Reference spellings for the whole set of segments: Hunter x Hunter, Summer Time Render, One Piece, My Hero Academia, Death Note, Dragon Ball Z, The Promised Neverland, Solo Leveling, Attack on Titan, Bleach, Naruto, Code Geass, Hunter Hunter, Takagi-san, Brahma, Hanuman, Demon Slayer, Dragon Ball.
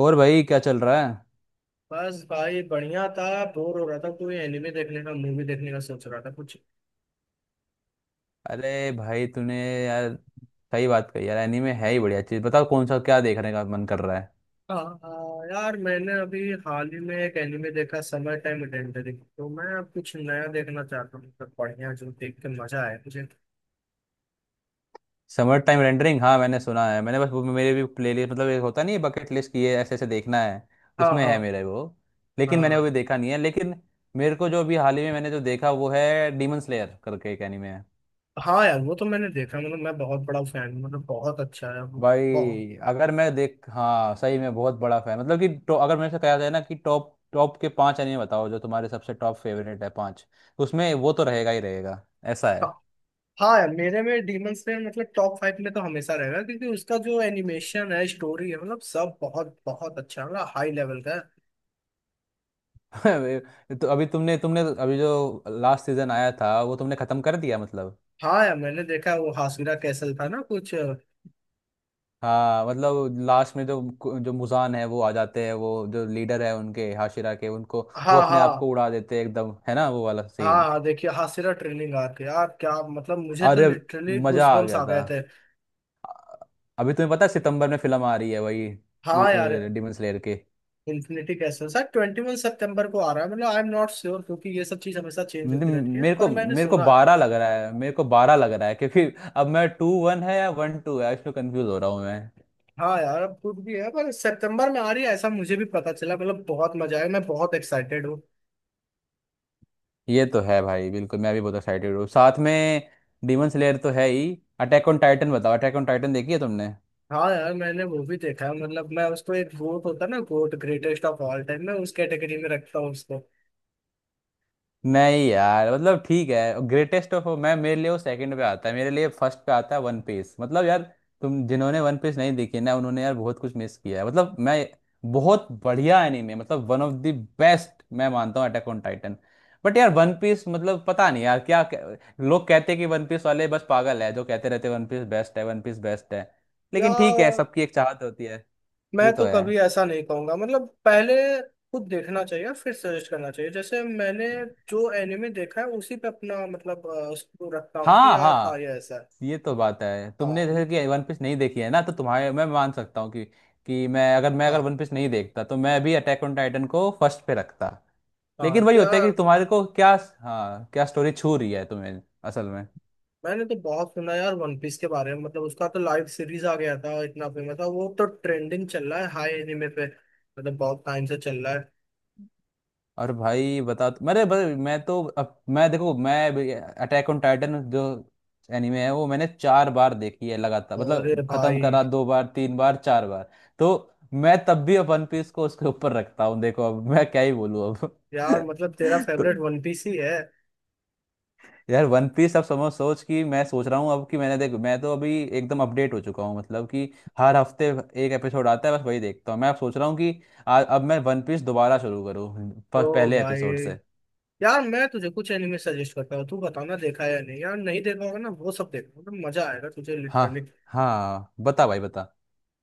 और भाई, क्या चल रहा है? बस भाई बढ़िया था। बोर हो रहा था, कोई एनिमे देखने का मूवी देखने का सोच रहा था कुछ। अरे भाई तूने, यार सही बात कही यार। एनीमे है ही बढ़िया चीज़। बताओ कौन सा, क्या देखने का मन कर रहा है? आ, यार मैंने अभी हाल ही में एक एनिमे देखा, समय टाइम इडेंटिटी। तो मैं अब कुछ नया देखना चाहता हूँ, मतलब बढ़िया जो देख के मजा आए मुझे। समर टाइम रेंडरिंग, हाँ मैंने सुना है। मैंने बस वो, मेरे भी प्ले लिस्ट मतलब, एक होता नहीं, बकेट लिस्ट की है। ऐसे ऐसे देखना है हाँ उसमें, हाँ। है मेरे वो। लेकिन मैंने वो हाँ भी देखा नहीं है। लेकिन मेरे को जो अभी हाल ही में मैंने जो देखा वो है डीमन स्लेयर करके एक एनीमे। हाँ, यार वो तो मैंने देखा, मतलब मैं बहुत बड़ा फैन हूँ, मतलब बहुत अच्छा है वो। बहुत। भाई अगर मैं देख, हाँ सही में बहुत बड़ा फैन, मतलब कि अगर मेरे से कहा जाए ना कि टॉप टॉप के पांच एनिमे बताओ जो तुम्हारे सबसे टॉप फेवरेट है पांच, तो उसमें वो तो रहेगा ही रहेगा। ऐसा है। हाँ। हाँ यार, मेरे में डीमन स्लेयर मतलब टॉप फाइव में तो हमेशा रहेगा, क्योंकि उसका जो एनिमेशन है, स्टोरी है, मतलब सब बहुत बहुत अच्छा है, मतलब हाई लेवल का है। तो अभी तुमने तुमने अभी जो लास्ट सीजन आया था वो तुमने खत्म कर दिया मतलब? हाँ यार, मैंने देखा वो हासिरा कैसल था ना कुछ। हाँ मतलब लास्ट में जो जो मुजान है वो आ जाते हैं, वो जो लीडर है उनके हाशिरा के उनको, वो हाँ अपने आप को हाँ। उड़ा देते हैं एकदम, है ना वो वाला हाँ सीन? हाँ, देखिए हासिरा ट्रेनिंग आर्क यार क्या, मतलब मुझे तो अरे, लिटरली मजा आ गूजबम्स गया आ था। गए थे। अभी तुम्हें पता है सितंबर में फिल्म आ रही है वही, हाँ यार। डिमन स्लेयर के? इन्फिनिटी कैसल सर 21 सितंबर को आ रहा है, मतलब आई एम नॉट श्योर, क्योंकि ये सब चीज हमेशा चेंज न- होती रहती है, मेरे को पर मैंने मेरे को सुना है। बारह लग रहा है, मेरे को बारह लग रहा है, क्योंकि अब मैं टू वन है या वन टू है इसमें कंफ्यूज हो रहा हूँ मैं। हाँ यार, अब कुछ भी है, पर सितंबर में आ रही है ऐसा मुझे भी पता चला, मतलब बहुत मजा आया, मैं बहुत एक्साइटेड हूँ। ये तो है भाई, बिल्कुल मैं भी बहुत एक्साइटेड हूँ साथ में। डिमन स्लेयर तो है ही। अटैक ऑन टाइटन, बताओ अटैक ऑन टाइटन देखी है तुमने? हाँ यार, मैंने वो भी देखा है, मतलब मैं उसको, एक गोट होता है ना, goat greatest of all time, मैं उस कैटेगरी में रखता हूँ उसको। नहीं यार, मतलब ठीक है, ग्रेटेस्ट ऑफ, मैं, मेरे लिए वो सेकंड पे आता है, मेरे लिए फर्स्ट पे आता है वन पीस। मतलब यार, तुम जिन्होंने वन पीस नहीं देखी ना, उन्होंने यार बहुत कुछ मिस किया है। मतलब मैं, बहुत बढ़िया एनीमे, मतलब वन ऑफ द बेस्ट मैं मानता हूँ अटैक ऑन टाइटन, बट यार वन पीस मतलब पता नहीं यार क्या क्या- लोग कहते हैं कि वन पीस वाले बस पागल है, जो कहते रहते हैं वन पीस बेस्ट है, वन पीस बेस्ट है। लेकिन ठीक है, यार, सबकी एक चाहत होती है। मैं ये तो तो है। कभी ऐसा नहीं कहूंगा, मतलब पहले खुद देखना चाहिए और फिर सजेस्ट करना चाहिए। जैसे मैंने जो एनिमे देखा है उसी पे अपना मतलब उसको रखता हूँ कि हाँ यार हाँ ये हाँ, ऐसा है। ये तो बात है। हाँ तुमने जैसे हम्म। कि वन पीस नहीं देखी है ना, तो तुम्हारे, मैं मान सकता हूँ कि मैं अगर हाँ वन पीस नहीं देखता तो मैं भी अटैक ऑन टाइटन को फर्स्ट पे रखता। हाँ, लेकिन तो वही होता है कि यार तुम्हारे को क्या, हाँ क्या स्टोरी छू रही है तुम्हें असल में। मैंने तो बहुत सुना यार वन पीस के बारे में, मतलब उसका तो लाइव सीरीज आ गया था, इतना फेमस था, वो तो ट्रेंडिंग चल रहा है हाई एनिमे पे, मतलब बहुत टाइम से चल रहा है। और भाई बता, मेरे मैं तो अब, मैं देखो मैं, अटैक ऑन टाइटन जो एनिमे है वो मैंने चार बार देखी है लगातार, और मतलब खत्म भाई। करा, दो बार, तीन बार, चार बार, तो मैं तब भी अब वन पीस को उसके ऊपर रखता हूँ। देखो, अब मैं क्या ही बोलूँ अब। यार मतलब तेरा तो फेवरेट वन पीस ही है। यार वन पीस, अब समझ, सोच कि मैं सोच रहा हूँ अब कि मैंने, देखो मैं तो अभी एकदम अपडेट हो चुका हूँ मतलब कि हर हफ्ते एक एपिसोड आता है बस वही देखता हूँ। मैं अब सोच रहा हूँ कि अब मैं वन पीस दोबारा शुरू करूँ ओ पहले भाई, एपिसोड से। यार मैं तुझे कुछ एनिमे सजेस्ट करता हूँ, तू बताना देखा है या नहीं, यार नहीं देखा होगा ना, वो सब देखना मतलब मजा आएगा तुझे हाँ लिटरली। हाँ, बता भाई बता।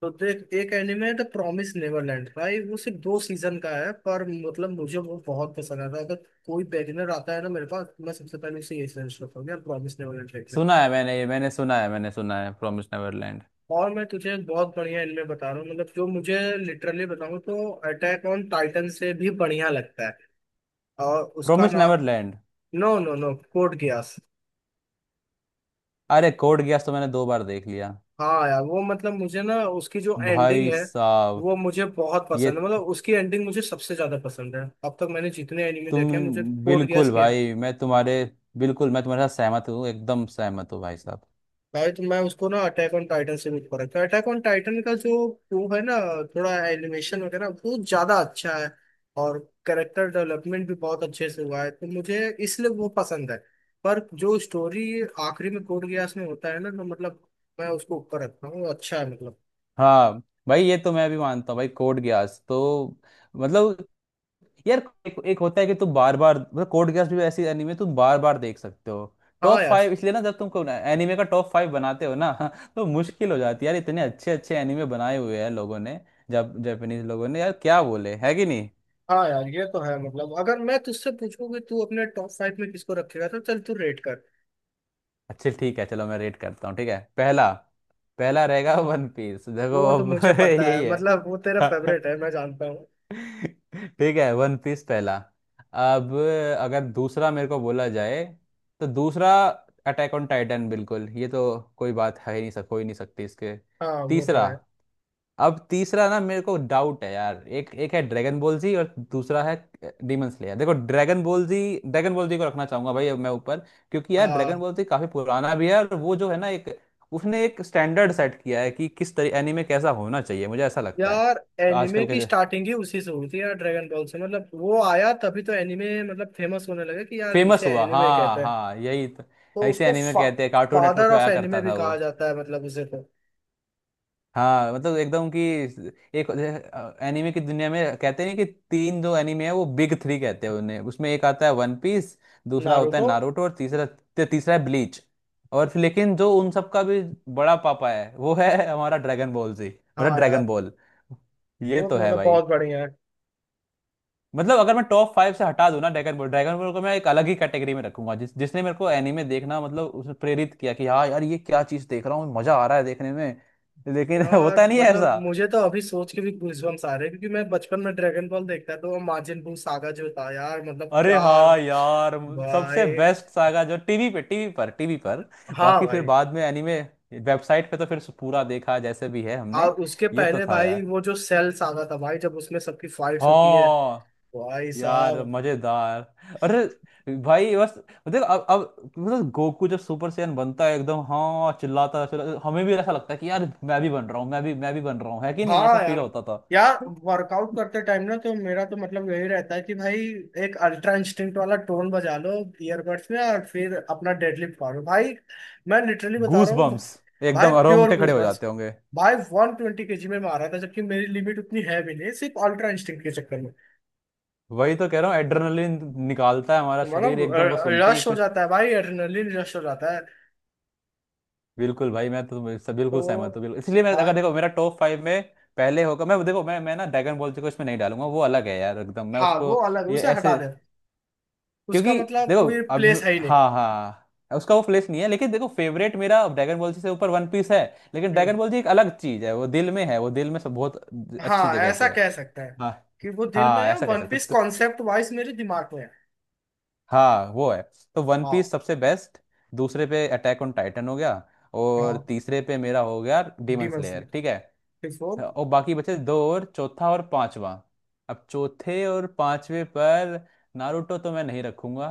तो देख, एक एनिमे है द प्रॉमिस नेवरलैंड। भाई वो सिर्फ दो सीजन का है, पर मतलब मुझे वो बहुत पसंद आता है। अगर कोई बेगिनर आता है ना मेरे पास तो मैं सबसे पहले उसे यही सजेस्ट करता हूँ, यार प्रॉमिस नेवरलैंड देख ले। सुना है मैंने, ये मैंने सुना है, मैंने सुना है प्रॉमिस नेवरलैंड। और मैं तुझे एक बहुत बढ़िया एनिमे बता रहा हूँ, मतलब जो मुझे लिटरली बताऊँ तो अटैक ऑन टाइटन से भी बढ़िया लगता है। और उसका प्रॉमिस नाम, neverland? No no no, code geass. अरे, कोड गियास तो मैंने दो बार देख लिया। हाँ यार वो, मतलब मुझे ना उसकी जो एंडिंग भाई है साहब, वो मुझे बहुत ये पसंद है, मतलब उसकी एंडिंग मुझे सबसे ज्यादा पसंद है अब तक मैंने जितने एनिमे देखे हैं, मुझे तुम, कोड गेस बिल्कुल किया है। भाई मैं तुम्हारे, बिल्कुल मैं तुम्हारे साथ सहमत हूँ, एकदम सहमत हूँ भाई साहब। भाई, तो मैं उसको ना अटैक ऑन टाइटन से भी ऊपर रखता हूँ। अटैक ऑन टाइटन का जो वो है ना, थोड़ा एनिमेशन वगैरह बहुत ज्यादा अच्छा है, और कैरेक्टर डेवलपमेंट भी बहुत अच्छे से हुआ है, तो मुझे इसलिए वो पसंद है। पर जो स्टोरी आखिरी में कोड गियास में होता है ना, तो मतलब मैं उसको ऊपर रखता हूँ, अच्छा है मतलब। हाँ भाई, ये तो मैं भी मानता हूँ भाई, कोड गियास तो मतलब यार। एक होता है कि तुम बार बार, मतलब कोड गेस भी ऐसी एनीमे तुम बार बार देख सकते हो। हाँ टॉप यार। फाइव इसलिए ना, जब तुम एनीमे का टॉप फाइव बनाते हो ना तो मुश्किल हो जाती है यार, इतने अच्छे अच्छे एनीमे बनाए हुए हैं लोगों ने, जब जापानीज लोगों ने, यार क्या बोले है कि नहीं। हाँ यार ये तो है, मतलब अगर मैं तुझसे पूछूं कि तू अपने टॉप फाइव में किसको रखेगा, तो चल तू रेट कर। अच्छे ठीक है, चलो मैं रेट करता हूँ। ठीक है, पहला, पहला रहेगा वन पीस, देखो वो तो अब मुझे पता है, यही मतलब वो तेरा है। फेवरेट है, मैं जानता हूँ। ठीक है, वन पीस पहला। अब अगर दूसरा मेरे को बोला जाए, तो दूसरा अटैक ऑन टाइटन, बिल्कुल, ये तो कोई बात है ही नहीं, सक हो ही नहीं सकती इसके। हाँ वो तो तीसरा, है। अब तीसरा ना मेरे को डाउट है यार, एक एक है ड्रैगन बॉल जी और दूसरा है डीमन स्लेयर। देखो, dragon ball Z, dragon ball Z को रखना चाहूंगा भाई अब मैं ऊपर, क्योंकि यार ड्रैगन हाँ बॉल जी काफी पुराना भी है, और वो जो है ना एक, उसने एक स्टैंडर्ड सेट किया है कि किस तरह एनीमे कैसा होना चाहिए, मुझे ऐसा लगता है। यार, तो एनिमे आजकल के की जो, स्टार्टिंग ही उसी से हुई थी यार, ड्रैगन बॉल से, मतलब वो आया तभी तो एनिमे मतलब फेमस होने लगा, कि यार फेमस इसे हुआ, एनिमे हाँ कहते हैं। हाँ यही तो, तो ऐसे एनीमे कहते हैं, कार्टून नेटवर्क फादर पे ऑफ आया एनिमे करता भी था वो। कहा जाता है, मतलब उसे तो। हाँ मतलब एकदम कि, एक एनीमे की दुनिया में कहते हैं कि तीन जो एनीमे है वो बिग थ्री कहते हैं उन्हें, उसमें एक आता है वन पीस, दूसरा होता है नारुतो। नारुतो, और तीसरा तीसरा है ब्लीच। और फिर लेकिन जो उन सब का भी बड़ा पापा है वो है हमारा ड्रैगन बॉल जी, मतलब हाँ ड्रैगन यार, बॉल। ये वो तो तो है मतलब भाई। बहुत बढ़िया है। मतलब अगर मैं टॉप फाइव से हटा दूं ना ड्रैगन बॉल को मैं एक अलग ही कैटेगरी में रखूंगा, जिसने मेरे को एनीमे देखना, मतलब उसने प्रेरित किया कि हाँ यार ये क्या चीज देख रहा हूँ, मजा आ रहा है देखने में। लेकिन यार होता नहीं है मतलब ऐसा। मुझे तो अभी सोच के भी गूजबम्स आ रहे हैं, क्योंकि मैं बचपन में ड्रैगन बॉल देखता था, तो वो मार्जिन बू सागा जो था यार, मतलब अरे क्या। हाँ यार, सबसे भाई। बेस्ट सागा जो टीवी पे, टीवी पर, हाँ बाकी फिर भाई। बाद में एनीमे वेबसाइट पे तो फिर पूरा देखा जैसे भी है हमने। और उसके ये तो पहले था भाई, यार। वो जो सेल सागा था भाई, जब उसमें सबकी फाइट्स होती है। हाँ भाई यार, साहब। मजेदार। अरे भाई बस, देख अब मतलब गोकू जब सुपर सैयन बनता है एकदम, हाँ चिल्लाता चिल्लाता, हमें भी ऐसा लगता है कि यार मैं भी बन रहा हूँ, मैं भी बन रहा हूँ, है कि नहीं, ऐसा हाँ फील यार। होता था। यार वर्कआउट करते टाइम ना, तो मेरा तो मतलब यही रहता है कि भाई एक अल्ट्रा इंस्टिंक्ट वाला टोन बजा लो ईयरबड्स में, और फिर अपना डेडलिफ्ट मारो भाई। मैं लिटरली बता गूस रहा हूँ। बम्स, भाई एकदम प्योर रोंगटे खड़े गूज हो बस। जाते होंगे। भाई 120 केजी में मारा था, जबकि मेरी लिमिट उतनी है भी नहीं, सिर्फ अल्ट्रा इंस्टिंक्ट के चक्कर में। वही तो कह रहा हूँ, एड्रेनलिन निकालता है हमारा तो शरीर मानो एकदम वो सुनते ही रश हो कुछ। जाता है भाई, एड्रेनलिन रश हो जाता है। बिल्कुल भाई, मैं तो सब बिल्कुल तो सहमत हूँ, बिल्कुल। इसलिए मैं, भाई। अगर देखो मेरा टॉप फाइव में पहले होगा, मैं देखो मैं ना ड्रैगन बॉल जी को इसमें नहीं डालूंगा, वो अलग है यार एकदम, मैं हाँ उसको, वो अलग, ये उसे हटा ऐसे, दे। उसका क्योंकि मतलब देखो कोई अब, प्लेस है ही नहीं। हाँ हाँ, हाँ, उसका वो प्लेस नहीं है, लेकिन देखो फेवरेट मेरा ड्रैगन बॉल जी से ऊपर वन पीस है। लेकिन ड्रैगन हम्म। बॉल जी एक अलग चीज है, वो दिल में है, वो दिल में सब बहुत अच्छी हाँ जगह ऐसा पे है। कह सकता है हाँ कि वो दिल में हाँ, है, ऐसा कह वन सकते पीस हो। तो, कॉन्सेप्ट वाइज मेरे दिमाग में है। हाँ वो है। तो वन पीस हाँ। सबसे बेस्ट, दूसरे पे अटैक ऑन टाइटन हो गया, और हाँ, तीसरे पे मेरा हो गया डेमन डीमन स्लेयर, स्लेयर ठीक है। बिफोर। और बाकी बचे दो, और चौथा और पांचवा। अब चौथे और पांचवे पर नारुतो तो मैं नहीं रखूंगा,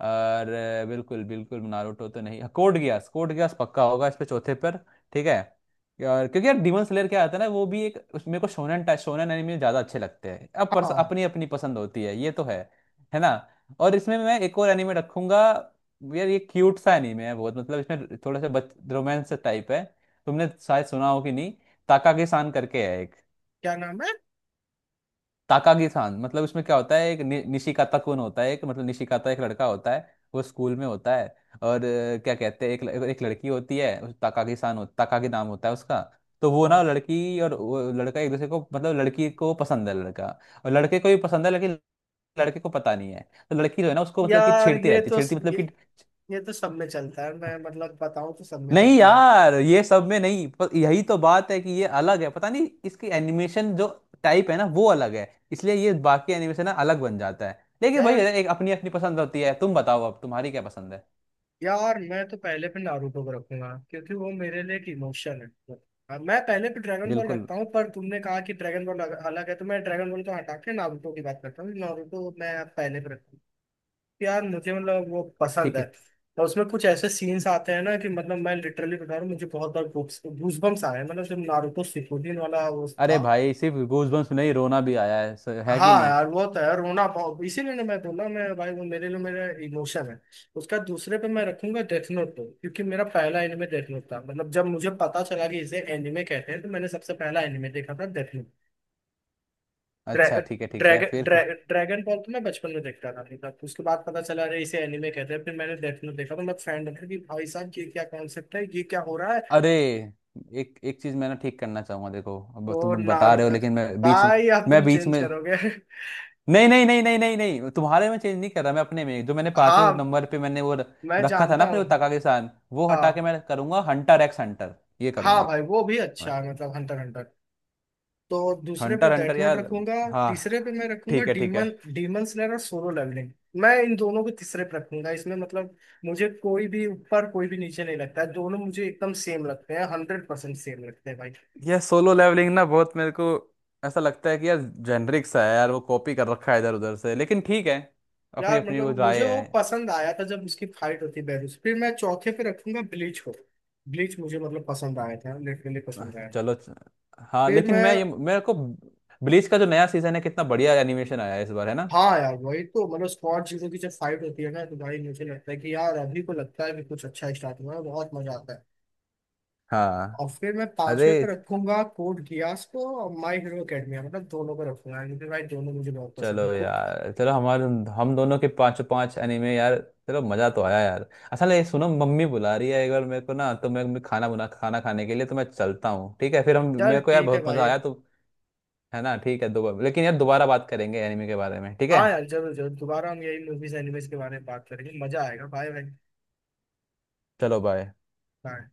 और बिल्कुल बिल्कुल नारुतो तो नहीं, कोड गियास, कोड गियास पक्का होगा इस पे चौथे पर, ठीक है। और क्योंकि यार डीमन स्लेयर क्या आता है ना, वो भी एक मेरे को शोनन टाइप, शोनन एनिमे ज्यादा अच्छे लगते हैं अब, हाँ। अपनी अपनी पसंद होती है, ये तो है ना। और इसमें मैं एक और एनिमे रखूंगा, यार ये क्यूट सा एनिमे है बहुत, मतलब इसमें थोड़ा सा बच रोमांस टाइप है। तुमने शायद सुना हो कि नहीं, ताकागीसान करके है एक। क्या नाम है। ताकागीसान, मतलब इसमें क्या होता है, एक निशिकाता कुन होता है एक, मतलब निशिकाता एक लड़का होता है, वो स्कूल में होता है। और क्या कहते हैं, एक एक लड़की होती है, उस ताकागीसान हो, ताकागी नाम होता है उसका। तो वो हाँ। ना, लड़की और वो लड़का एक दूसरे को, मतलब लड़की को पसंद है लड़का, और लड़के को भी पसंद है, लेकिन लड़के को पता नहीं है। तो लड़की जो है ना, उसको मतलब कि यार छेड़ती ये रहती है, तो, छेड़ती मतलब ये कि, ये तो सब में चलता है, मैं मतलब बताऊं तो सब में नहीं चलता है। यार ये सब में नहीं, पर यही तो बात है कि ये अलग है, पता नहीं इसकी एनिमेशन जो टाइप है ना वो अलग है, इसलिए ये बाकी एनिमेशन ना अलग बन जाता है। लेकिन भाई, यार। एक अपनी अपनी पसंद होती है। तुम बताओ अब तुम्हारी क्या पसंद है? यार मैं तो पहले पे नारुतो को रखूंगा, क्योंकि वो मेरे लिए एक इमोशन है। हाँ, मैं पहले पे ड्रैगन बॉल बिल्कुल, रखता हूँ, पर तुमने कहा कि ड्रैगन बॉल अलग है, तो मैं ड्रैगन बॉल को हटा के नारुतो की बात करता हूँ, नारुतो मैं पहले पे रखता हूँ। यार मुझे मतलब वो पसंद ठीक है। है। और उसमें कुछ ऐसे सीन्स आते हैं ना, कि मतलब मैं लिटरली बता रहा हूँ, मुझे बहुत बार गूस बम्स आए हैं। मतलब जब नारुतो शिपुडिन वाला वो अरे था। भाई सिर्फ गूजबम्प्स में नहीं, रोना भी आया है, है कि हाँ नहीं? यार, वो तो है, रोना बहुत, इसीलिए ना मैं बोला, मैं भाई वो मेरे लिए मेरा इमोशन है। उसका दूसरे पे मैं रखूंगा डेथ नोट पे, क्योंकि मेरा पहला एनिमे डेथ नोट था, मतलब जब मुझे पता चला कि इसे एनिमे कहते हैं, तो मैंने सबसे पहला एनिमे देखा था डेथ। ड्रै, अच्छा ठीक है ठीक है, ड्रैगन फिर ड्रै, फिर ड्रैगन बॉल तो मैं बचपन में देखता था, देखा, उसके बाद पता चला अरे इसे एनिमे कहते हैं, फिर मैंने डेथ नोट देखा, तो मैं फैन था कि भाई साहब ये क्या कॉन्सेप्ट है, ये क्या हो रहा है। अरे एक एक चीज मैं ना ठीक करना चाहूंगा, देखो अब तो तुम बता नार रहे हो लेकिन मैं बीच में, भाई अब मैं तुम बीच चेंज में, करोगे। नहीं नहीं नहीं नहीं नहीं नहीं, तुम्हारे में चेंज नहीं कर रहा, मैं अपने में जो मैंने पांचवें हाँ, नंबर पे मैंने वो मैं रखा था ना जानता अपने, वो हूँ। तका के साथ, वो हटा के हाँ। मैं करूंगा हंटर एक्स हंटर, ये हाँ करूंगा भाई वो भी मैं। अच्छा है, मतलब हंटर हंटर। तो दूसरे पे हंटर हंटर डेथ नोट यार, रखूंगा। हाँ, तीसरे पे मैं रखूंगा ठीक है ठीक डीमन है। डीमन स्लेयर और सोलो लेवलिंग। मैं इन दोनों को तीसरे पे रखूंगा, इसमें मतलब मुझे कोई भी ऊपर कोई भी नीचे नहीं लगता है, दोनों मुझे एकदम सेम लगते हैं, 100% सेम लगते हैं भाई। यह सोलो लेवलिंग ना, बहुत मेरे को ऐसा लगता है कि यार जेनरिक सा है यार, वो कॉपी कर रखा है इधर उधर से, लेकिन ठीक है, अपनी यार अपनी वो मतलब मुझे राय वो है। पसंद आया था, जब उसकी फाइट होती बैरूस। फिर मैं चौथे पे रखूंगा ब्लीच को। ब्लीच मुझे मतलब पसंद आया था, लिटरली पसंद आया था। चलो हाँ, फिर लेकिन मैं मैं। ये, मेरे को ब्लीच का जो नया सीजन है कितना बढ़िया एनिमेशन आया है इस बार, है ना। हाँ यार वही तो, मतलब स्क्वाड जीरो की जब फाइट होती है ना, तो भाई मुझे लगता है कि यार अभी को लगता है कि कुछ अच्छा स्टार्ट हुआ है, बहुत मजा आता है। हाँ, और फिर मैं पांचवे पे अरे रखूंगा कोड गियास को और माई हीरो एकेडमिया, मतलब दोनों पे रखूंगा, क्योंकि भाई दोनों मुझे बहुत चलो पसंद है। यार, चलो हमारे, हम दोनों के पांचों पांच एनिमे यार। चलो, मजा तो आया यार। अच्छा ले सुनो, मम्मी बुला रही है एक बार मेरे को ना, तो मैं खाना बना खाना खाने के लिए, तो मैं चलता हूँ ठीक है, फिर हम, चल मेरे को यार ठीक है बहुत मजा भाई। आया तो। है ना, ठीक है, दोबारा, लेकिन यार दोबारा बात करेंगे एनिमे के बारे में, ठीक है। हाँ यार, जरूर जरूर, दोबारा हम यही मूवीज एनिमेज के बारे में बात करेंगे, मजा आएगा, बाय भाई। चलो बाय। बाय।